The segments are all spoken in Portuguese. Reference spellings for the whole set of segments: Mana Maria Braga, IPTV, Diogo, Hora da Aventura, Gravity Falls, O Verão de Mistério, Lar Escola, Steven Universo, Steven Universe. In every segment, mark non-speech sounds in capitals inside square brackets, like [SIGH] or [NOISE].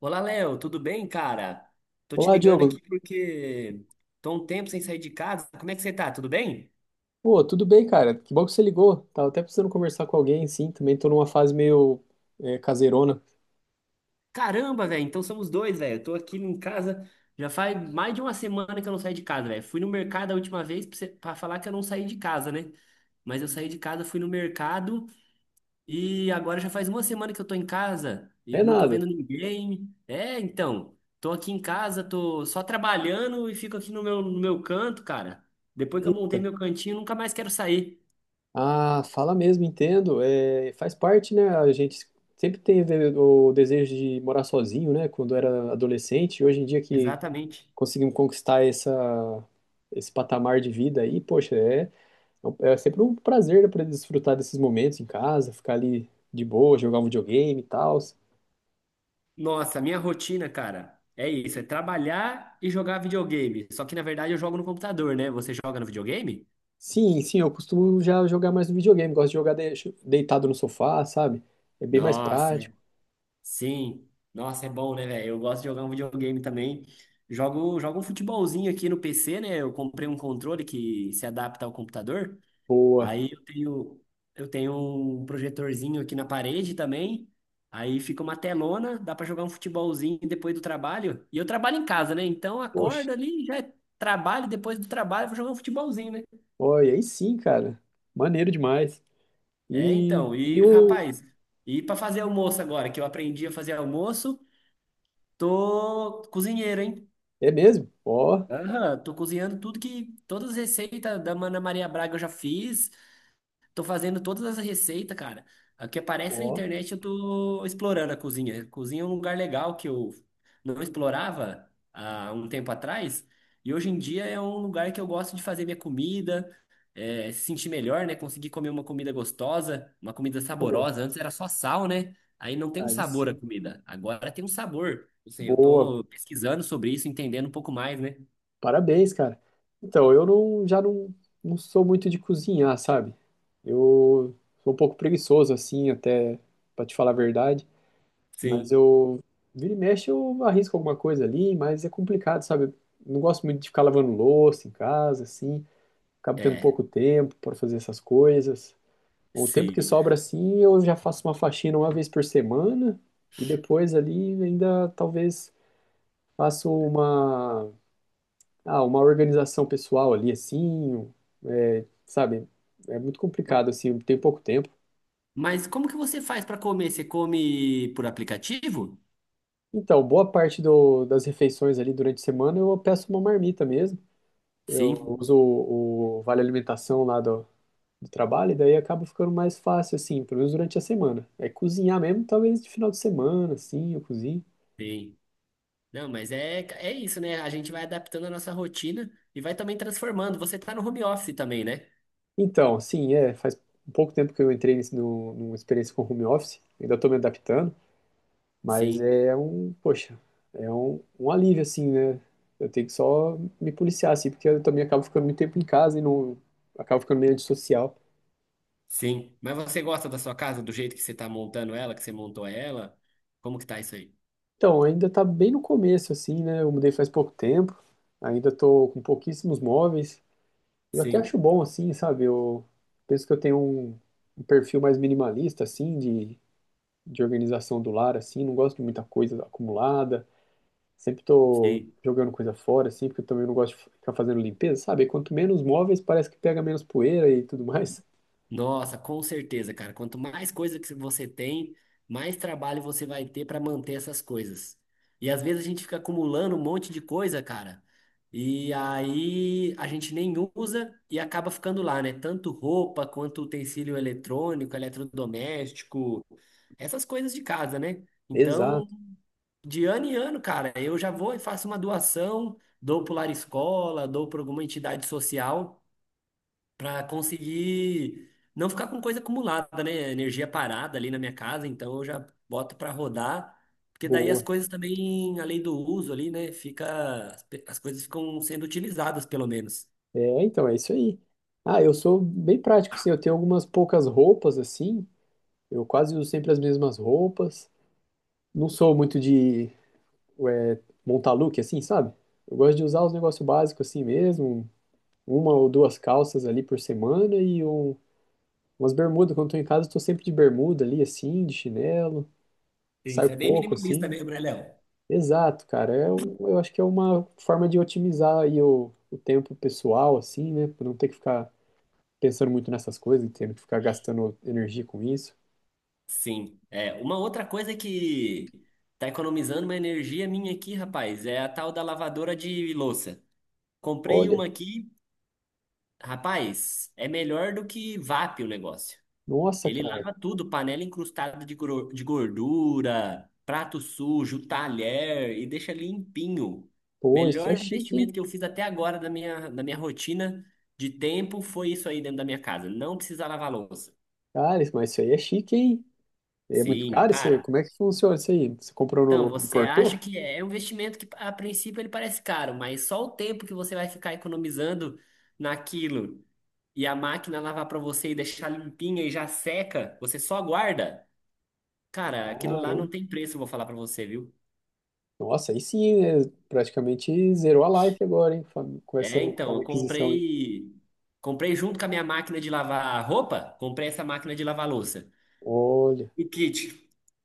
Olá, Léo, tudo bem, cara? Tô te Olá, ligando Diogo. aqui porque tô um tempo sem sair de casa. Como é que você tá? Tudo bem? Pô, tudo bem, cara? Que bom que você ligou. Tava até precisando conversar com alguém, sim. Também tô numa fase meio caseirona. Caramba, velho, então somos dois, velho. Eu tô aqui em casa já faz mais de uma semana que eu não saio de casa, velho. Fui no mercado a última vez pra, você- pra falar que eu não saí de casa, né? Mas eu saí de casa, fui no mercado e agora já faz uma semana que eu tô em casa e É não tô nada. vendo ninguém. É, então, tô aqui em casa, tô só trabalhando e fico aqui no meu canto, cara. Depois que eu Eita. montei meu cantinho, nunca mais quero sair. Ah, fala mesmo, entendo. É, faz parte, né? A gente sempre teve o desejo de morar sozinho, né? Quando era adolescente. E hoje em dia que Exatamente. conseguimos conquistar essa, esse patamar de vida aí, poxa, é sempre um prazer, né, para desfrutar desses momentos em casa, ficar ali de boa, jogar um videogame e tal. Nossa, minha rotina, cara, é isso, é trabalhar e jogar videogame. Só que na verdade eu jogo no computador, né? Você joga no videogame? Sim, sim, eu costumo já jogar mais no videogame, gosto de jogar deitado no sofá, sabe? É bem mais Nossa, prático. Sim. Nossa, é bom, né, velho? Eu gosto de jogar um videogame também. Jogo um futebolzinho aqui no PC, né? Eu comprei um controle que se adapta ao computador. Boa. Aí eu tenho, eu tenho um projetorzinho aqui na parede também. Aí fica uma telona, dá para jogar um futebolzinho depois do trabalho. E eu trabalho em casa, né? Então Poxa, acorda ali, já é trabalho, depois do trabalho eu vou jogar um futebolzinho, né? olha, aí sim, cara. Maneiro demais. É, então, E e o. rapaz, e para fazer almoço agora, que eu aprendi a fazer almoço, tô cozinheiro, hein? É mesmo? Ó, Aham, tô cozinhando tudo que todas as receitas da Mana Maria Braga eu já fiz. Tô fazendo todas as receitas, cara. O que aparece na ó, internet, eu tô explorando a cozinha. Cozinha é um lugar legal que eu não explorava há um tempo atrás. E hoje em dia é um lugar que eu gosto de fazer minha comida, é, se sentir melhor, né? Conseguir comer uma comida gostosa, uma comida pô, saborosa. Antes era só sal, né? Aí não tem um aí sabor a sim. comida. Agora tem um sabor. Não sei, eu Boa. tô pesquisando sobre isso, entendendo um pouco mais, né? Parabéns, cara. Então, eu não, já não, não sou muito de cozinhar, sabe? Eu sou um pouco preguiçoso, assim, até, pra te falar a verdade. Mas Sim, vira e mexe, eu arrisco alguma coisa ali, mas é complicado, sabe? Não gosto muito de ficar lavando louça em casa, assim. Acabo tendo é, pouco tempo para fazer essas coisas. O tempo que sim. sobra, assim, eu já faço uma faxina uma vez por semana e depois ali ainda talvez faço uma organização pessoal ali, assim, é, sabe? É muito complicado, assim, tem pouco tempo. Mas como que você faz para comer? Você come por aplicativo? Então, boa parte das refeições ali durante a semana eu peço uma marmita mesmo. Eu Sim, uso o Vale Alimentação lá do trabalho, e daí acaba ficando mais fácil, assim, pelo menos durante a semana. É cozinhar mesmo, talvez de final de semana, assim, eu cozinho. sim. Não, mas é isso, né? A gente vai adaptando a nossa rotina e vai também transformando. Você tá no home office também, né? Então, sim, é, faz um pouco tempo que eu entrei nesse, no, numa experiência com home office, ainda estou me adaptando, mas Sim, poxa, é um alívio, assim, né? Eu tenho que só me policiar, assim, porque eu também acabo ficando muito tempo em casa e não, acabo ficando meio antissocial. sim. Mas você gosta da sua casa, do jeito que você tá montando ela, que você montou ela? Como que tá isso aí? Então, ainda tá bem no começo, assim, né? Eu mudei faz pouco tempo, ainda tô com pouquíssimos móveis. Eu até Sim, acho bom, assim, sabe? Eu penso que eu tenho um perfil mais minimalista, assim, de organização do lar, assim. Não gosto de muita coisa acumulada. Sempre tô sim. jogando coisa fora, assim, porque eu também não gosto de ficar fazendo limpeza, sabe? Quanto menos móveis, parece que pega menos poeira e tudo mais. Nossa, com certeza, cara. Quanto mais coisa que você tem, mais trabalho você vai ter para manter essas coisas. E às vezes a gente fica acumulando um monte de coisa, cara. E aí a gente nem usa e acaba ficando lá, né? Tanto roupa quanto utensílio eletrônico, eletrodoméstico, essas coisas de casa, né? [LAUGHS] Exato, Então, de ano em ano, cara, eu já vou e faço uma doação, dou para o Lar Escola, dou para alguma entidade social para conseguir não ficar com coisa acumulada, né? Energia parada ali na minha casa, então eu já boto para rodar, porque daí boa. as coisas também, além do uso ali, né, fica as as coisas ficam sendo utilizadas pelo menos. É, então, é isso aí. Ah, eu sou bem prático, assim, eu tenho algumas poucas roupas, assim, eu quase uso sempre as mesmas roupas. Não sou muito de montar look assim, sabe? Eu gosto de usar os negócios básicos assim mesmo. Uma ou duas calças ali por semana e umas bermudas. Quando tô em casa, estou sempre de bermuda ali, assim, de chinelo. Sim. Saio Isso é bem pouco, minimalista assim. mesmo, né, Léo? Exato, cara. É, eu acho que é uma forma de otimizar aí o tempo pessoal, assim, né? Pra não ter que ficar pensando muito nessas coisas e tendo que ficar gastando energia com isso. Sim. É, uma outra coisa que tá economizando uma energia minha aqui, rapaz, é a tal da lavadora de louça. Comprei Olha, uma aqui, rapaz, é melhor do que VAP o negócio. nossa, Ele cara. lava tudo, panela incrustada de de gordura, prato sujo, talher e deixa limpinho. Pô, isso Melhor é chique, hein? investimento que eu fiz até agora da minha rotina de tempo foi isso aí dentro da minha casa. Não precisa lavar louça. Cara, mas isso aí é chique, hein? É muito Sim, caro? Isso, cara. como é que funciona isso aí? Você comprou Então, no... você Importou? acha que é um investimento que a princípio ele parece caro, mas só o tempo que você vai ficar economizando naquilo e a máquina lavar para você e deixar limpinha e já seca, você só guarda. Cara, aquilo lá Caramba. não tem preço, eu vou falar pra você, viu? Nossa, aí sim, né? Praticamente zerou a life agora, hein? Fam- Com essa É, com então, a aquisição, hein? Comprei junto com a minha máquina de lavar roupa, comprei essa máquina de lavar louça. Olha, O kit.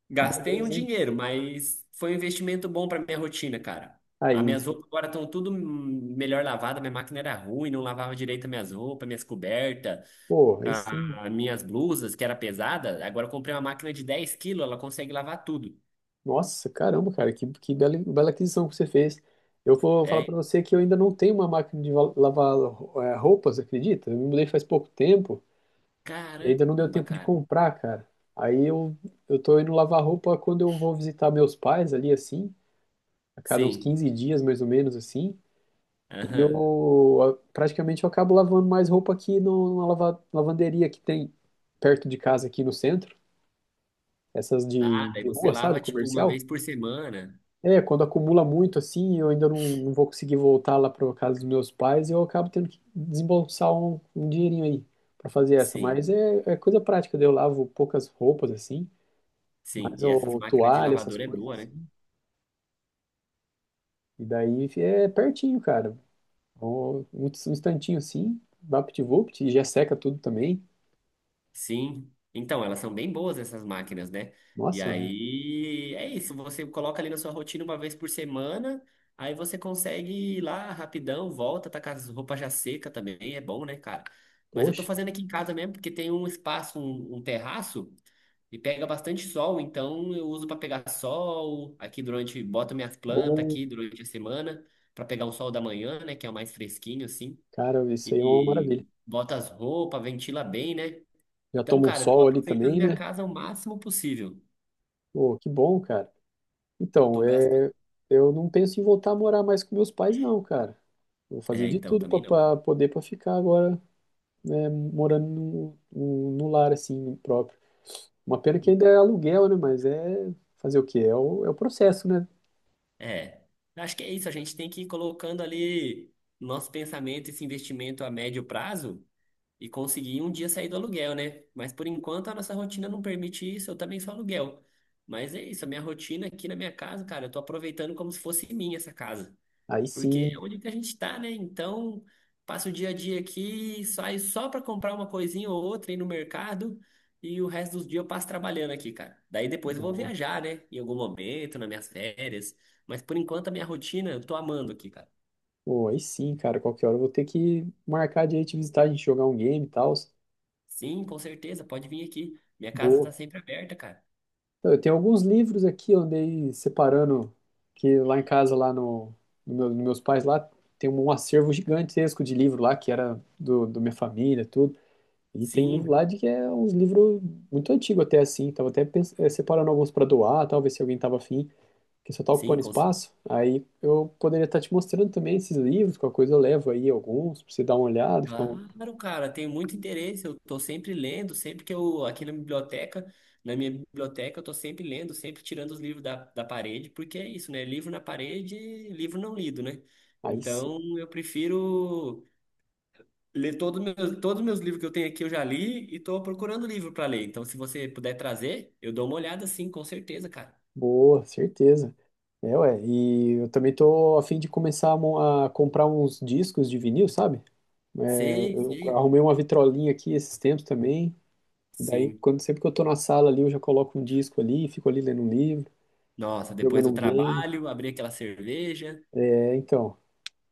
Gastei um beleza, hein? dinheiro, mas foi um investimento bom pra minha rotina, cara. As Aí, minhas roupas agora estão tudo melhor lavadas, minha máquina era ruim, não lavava direito as minhas roupas, minhas cobertas, pô, aí sim. As minhas blusas, que era pesada. Agora eu comprei uma máquina de 10 kg, ela consegue lavar tudo. Nossa, caramba, cara, que bela, bela aquisição que você fez. Eu vou falar É, pra você que eu ainda não tenho uma máquina de lavar, roupas, acredita? Eu me mudei faz pouco tempo. E ainda não deu caramba, tempo de cara. comprar, cara. Aí eu, eu tô indo lavar roupa quando eu vou visitar meus pais ali, assim, a cada uns Sim. 15 dias, mais ou menos, assim. E Aham. eu praticamente eu acabo lavando mais roupa aqui numa lavanderia que tem perto de casa aqui no centro. Essas Ah, de, daí de você rua, sabe? lava tipo uma Comercial. vez por semana. É, quando acumula muito, assim, eu ainda não vou conseguir voltar lá para casa dos meus pais e eu acabo tendo que desembolsar um dinheirinho aí para fazer essa. Mas Sim, é coisa prática, daí eu lavo poucas roupas, assim. sim. Mais E essas o máquinas de toalha, essas lavadora é coisas boa, né? assim. E daí é pertinho, cara. Um instantinho assim, vapt-vupt, e já seca tudo também. Sim. Então, elas são bem boas essas máquinas, né? E Nossa, aí é isso, você coloca ali na sua rotina uma vez por semana, aí você consegue ir lá rapidão, volta, tá com as roupas já seca também, é bom, né, cara? Mas eu tô poxa. fazendo aqui em casa mesmo, porque tem um espaço, um terraço. E pega bastante sol, então eu uso para pegar sol aqui durante, boto minhas plantas Ô, aqui durante a semana para pegar o sol da manhã, né, que é o mais fresquinho assim. cara, isso aí é uma E maravilha. bota as roupas, ventila bem, né? Já Então, toma um cara, eu tô sol ali aproveitando também, minha né? casa o máximo possível. Pô, que bom, cara. Então, Tô gastando. é, eu não penso em voltar a morar mais com meus pais, não, cara. Vou fazer É, de então tudo também não. para poder para ficar agora né, morando no lar, assim, próprio. Uma pena que ainda é aluguel, né? Mas é fazer o quê? É o processo, né? É. Acho que é isso, a gente tem que ir colocando ali no nosso pensamento esse investimento a médio prazo e conseguir um dia sair do aluguel, né? Mas por enquanto a nossa rotina não permite isso, eu também sou aluguel. Mas é isso, a minha rotina aqui na minha casa, cara, eu tô aproveitando como se fosse minha essa casa, Aí porque sim, é onde que a gente tá, né? Então, passo o dia a dia aqui, saio só pra comprar uma coisinha ou outra, ir no mercado, e o resto dos dias eu passo trabalhando aqui, cara. Daí depois eu vou boa. viajar, né? Em algum momento, nas minhas férias. Mas por enquanto a minha rotina, eu tô amando aqui, cara. Pô, aí sim, cara, qualquer hora eu vou ter que marcar de ir te visitar, a gente jogar um game e tal. Sim, com certeza, pode vir aqui. Minha casa Boa. tá sempre aberta, cara. Eu tenho alguns livros aqui, eu andei separando, que lá em casa, lá no, no meu, nos meus pais, lá tem um acervo gigantesco de livro lá, que era do minha família, tudo. E tem livro Sim. lá de que é uns livros muito antigos até assim. Tava até separando alguns para doar, talvez se alguém tava afim, que só tá Sim, ocupando espaço. Aí eu poderia estar te mostrando também esses livros, qualquer coisa eu levo aí alguns, pra você dar uma olhada, ficar um... claro, cara, tenho muito interesse. Eu tô sempre lendo, sempre que eu, aqui na biblioteca, na minha biblioteca, eu tô sempre lendo, sempre tirando os livros da parede, porque é isso, né? Livro na parede, livro não lido, né? Aí sim, Então, eu prefiro ler todos os meus livros que eu tenho aqui, eu já li e tô procurando livro para ler. Então, se você puder trazer, eu dou uma olhada, sim, com certeza, cara. boa, certeza. É, ué, e eu também tô a fim de começar a comprar uns discos de vinil, sabe? Sei, Eu sei. arrumei uma vitrolinha aqui esses tempos também. Daí, Sim. quando sempre que eu tô na sala ali, eu já coloco um disco ali, fico ali lendo um livro, Nossa, depois jogando do um game. trabalho, abrir aquela cerveja. É, então.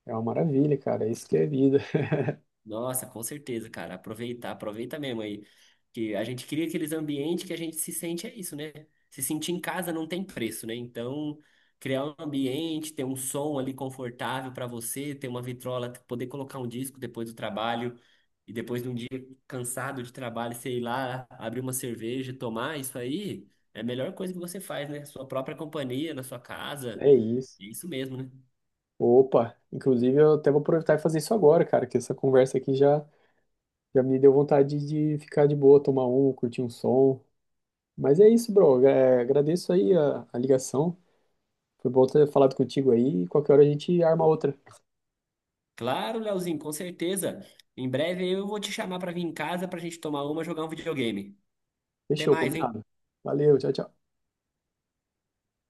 É uma maravilha, cara. É isso que é vida. [LAUGHS] Nossa, com certeza, cara. Aproveitar, aproveita mesmo aí. Que a gente cria aqueles ambientes que a gente se sente, é isso, né? Se sentir em casa não tem preço, né? Então, criar um ambiente, ter um som ali confortável para você, ter uma vitrola, poder colocar um disco depois do trabalho e depois de um dia cansado de trabalho, sei lá, abrir uma cerveja, tomar isso aí, é a melhor coisa que você faz, né? Sua própria companhia, na sua casa. É isso. É isso mesmo, né? Opa, inclusive eu até vou aproveitar e fazer isso agora, cara, que essa conversa aqui já me deu vontade de ficar de boa, tomar curtir um som. Mas é isso, bro. É, agradeço aí a ligação. Foi bom ter falado contigo aí. E qualquer hora a gente arma outra. Claro, Leozinho, com certeza. Em breve eu vou te chamar pra vir em casa pra gente tomar uma, jogar um videogame. Até Fechou, mais, hein? combinado. Valeu, tchau, tchau.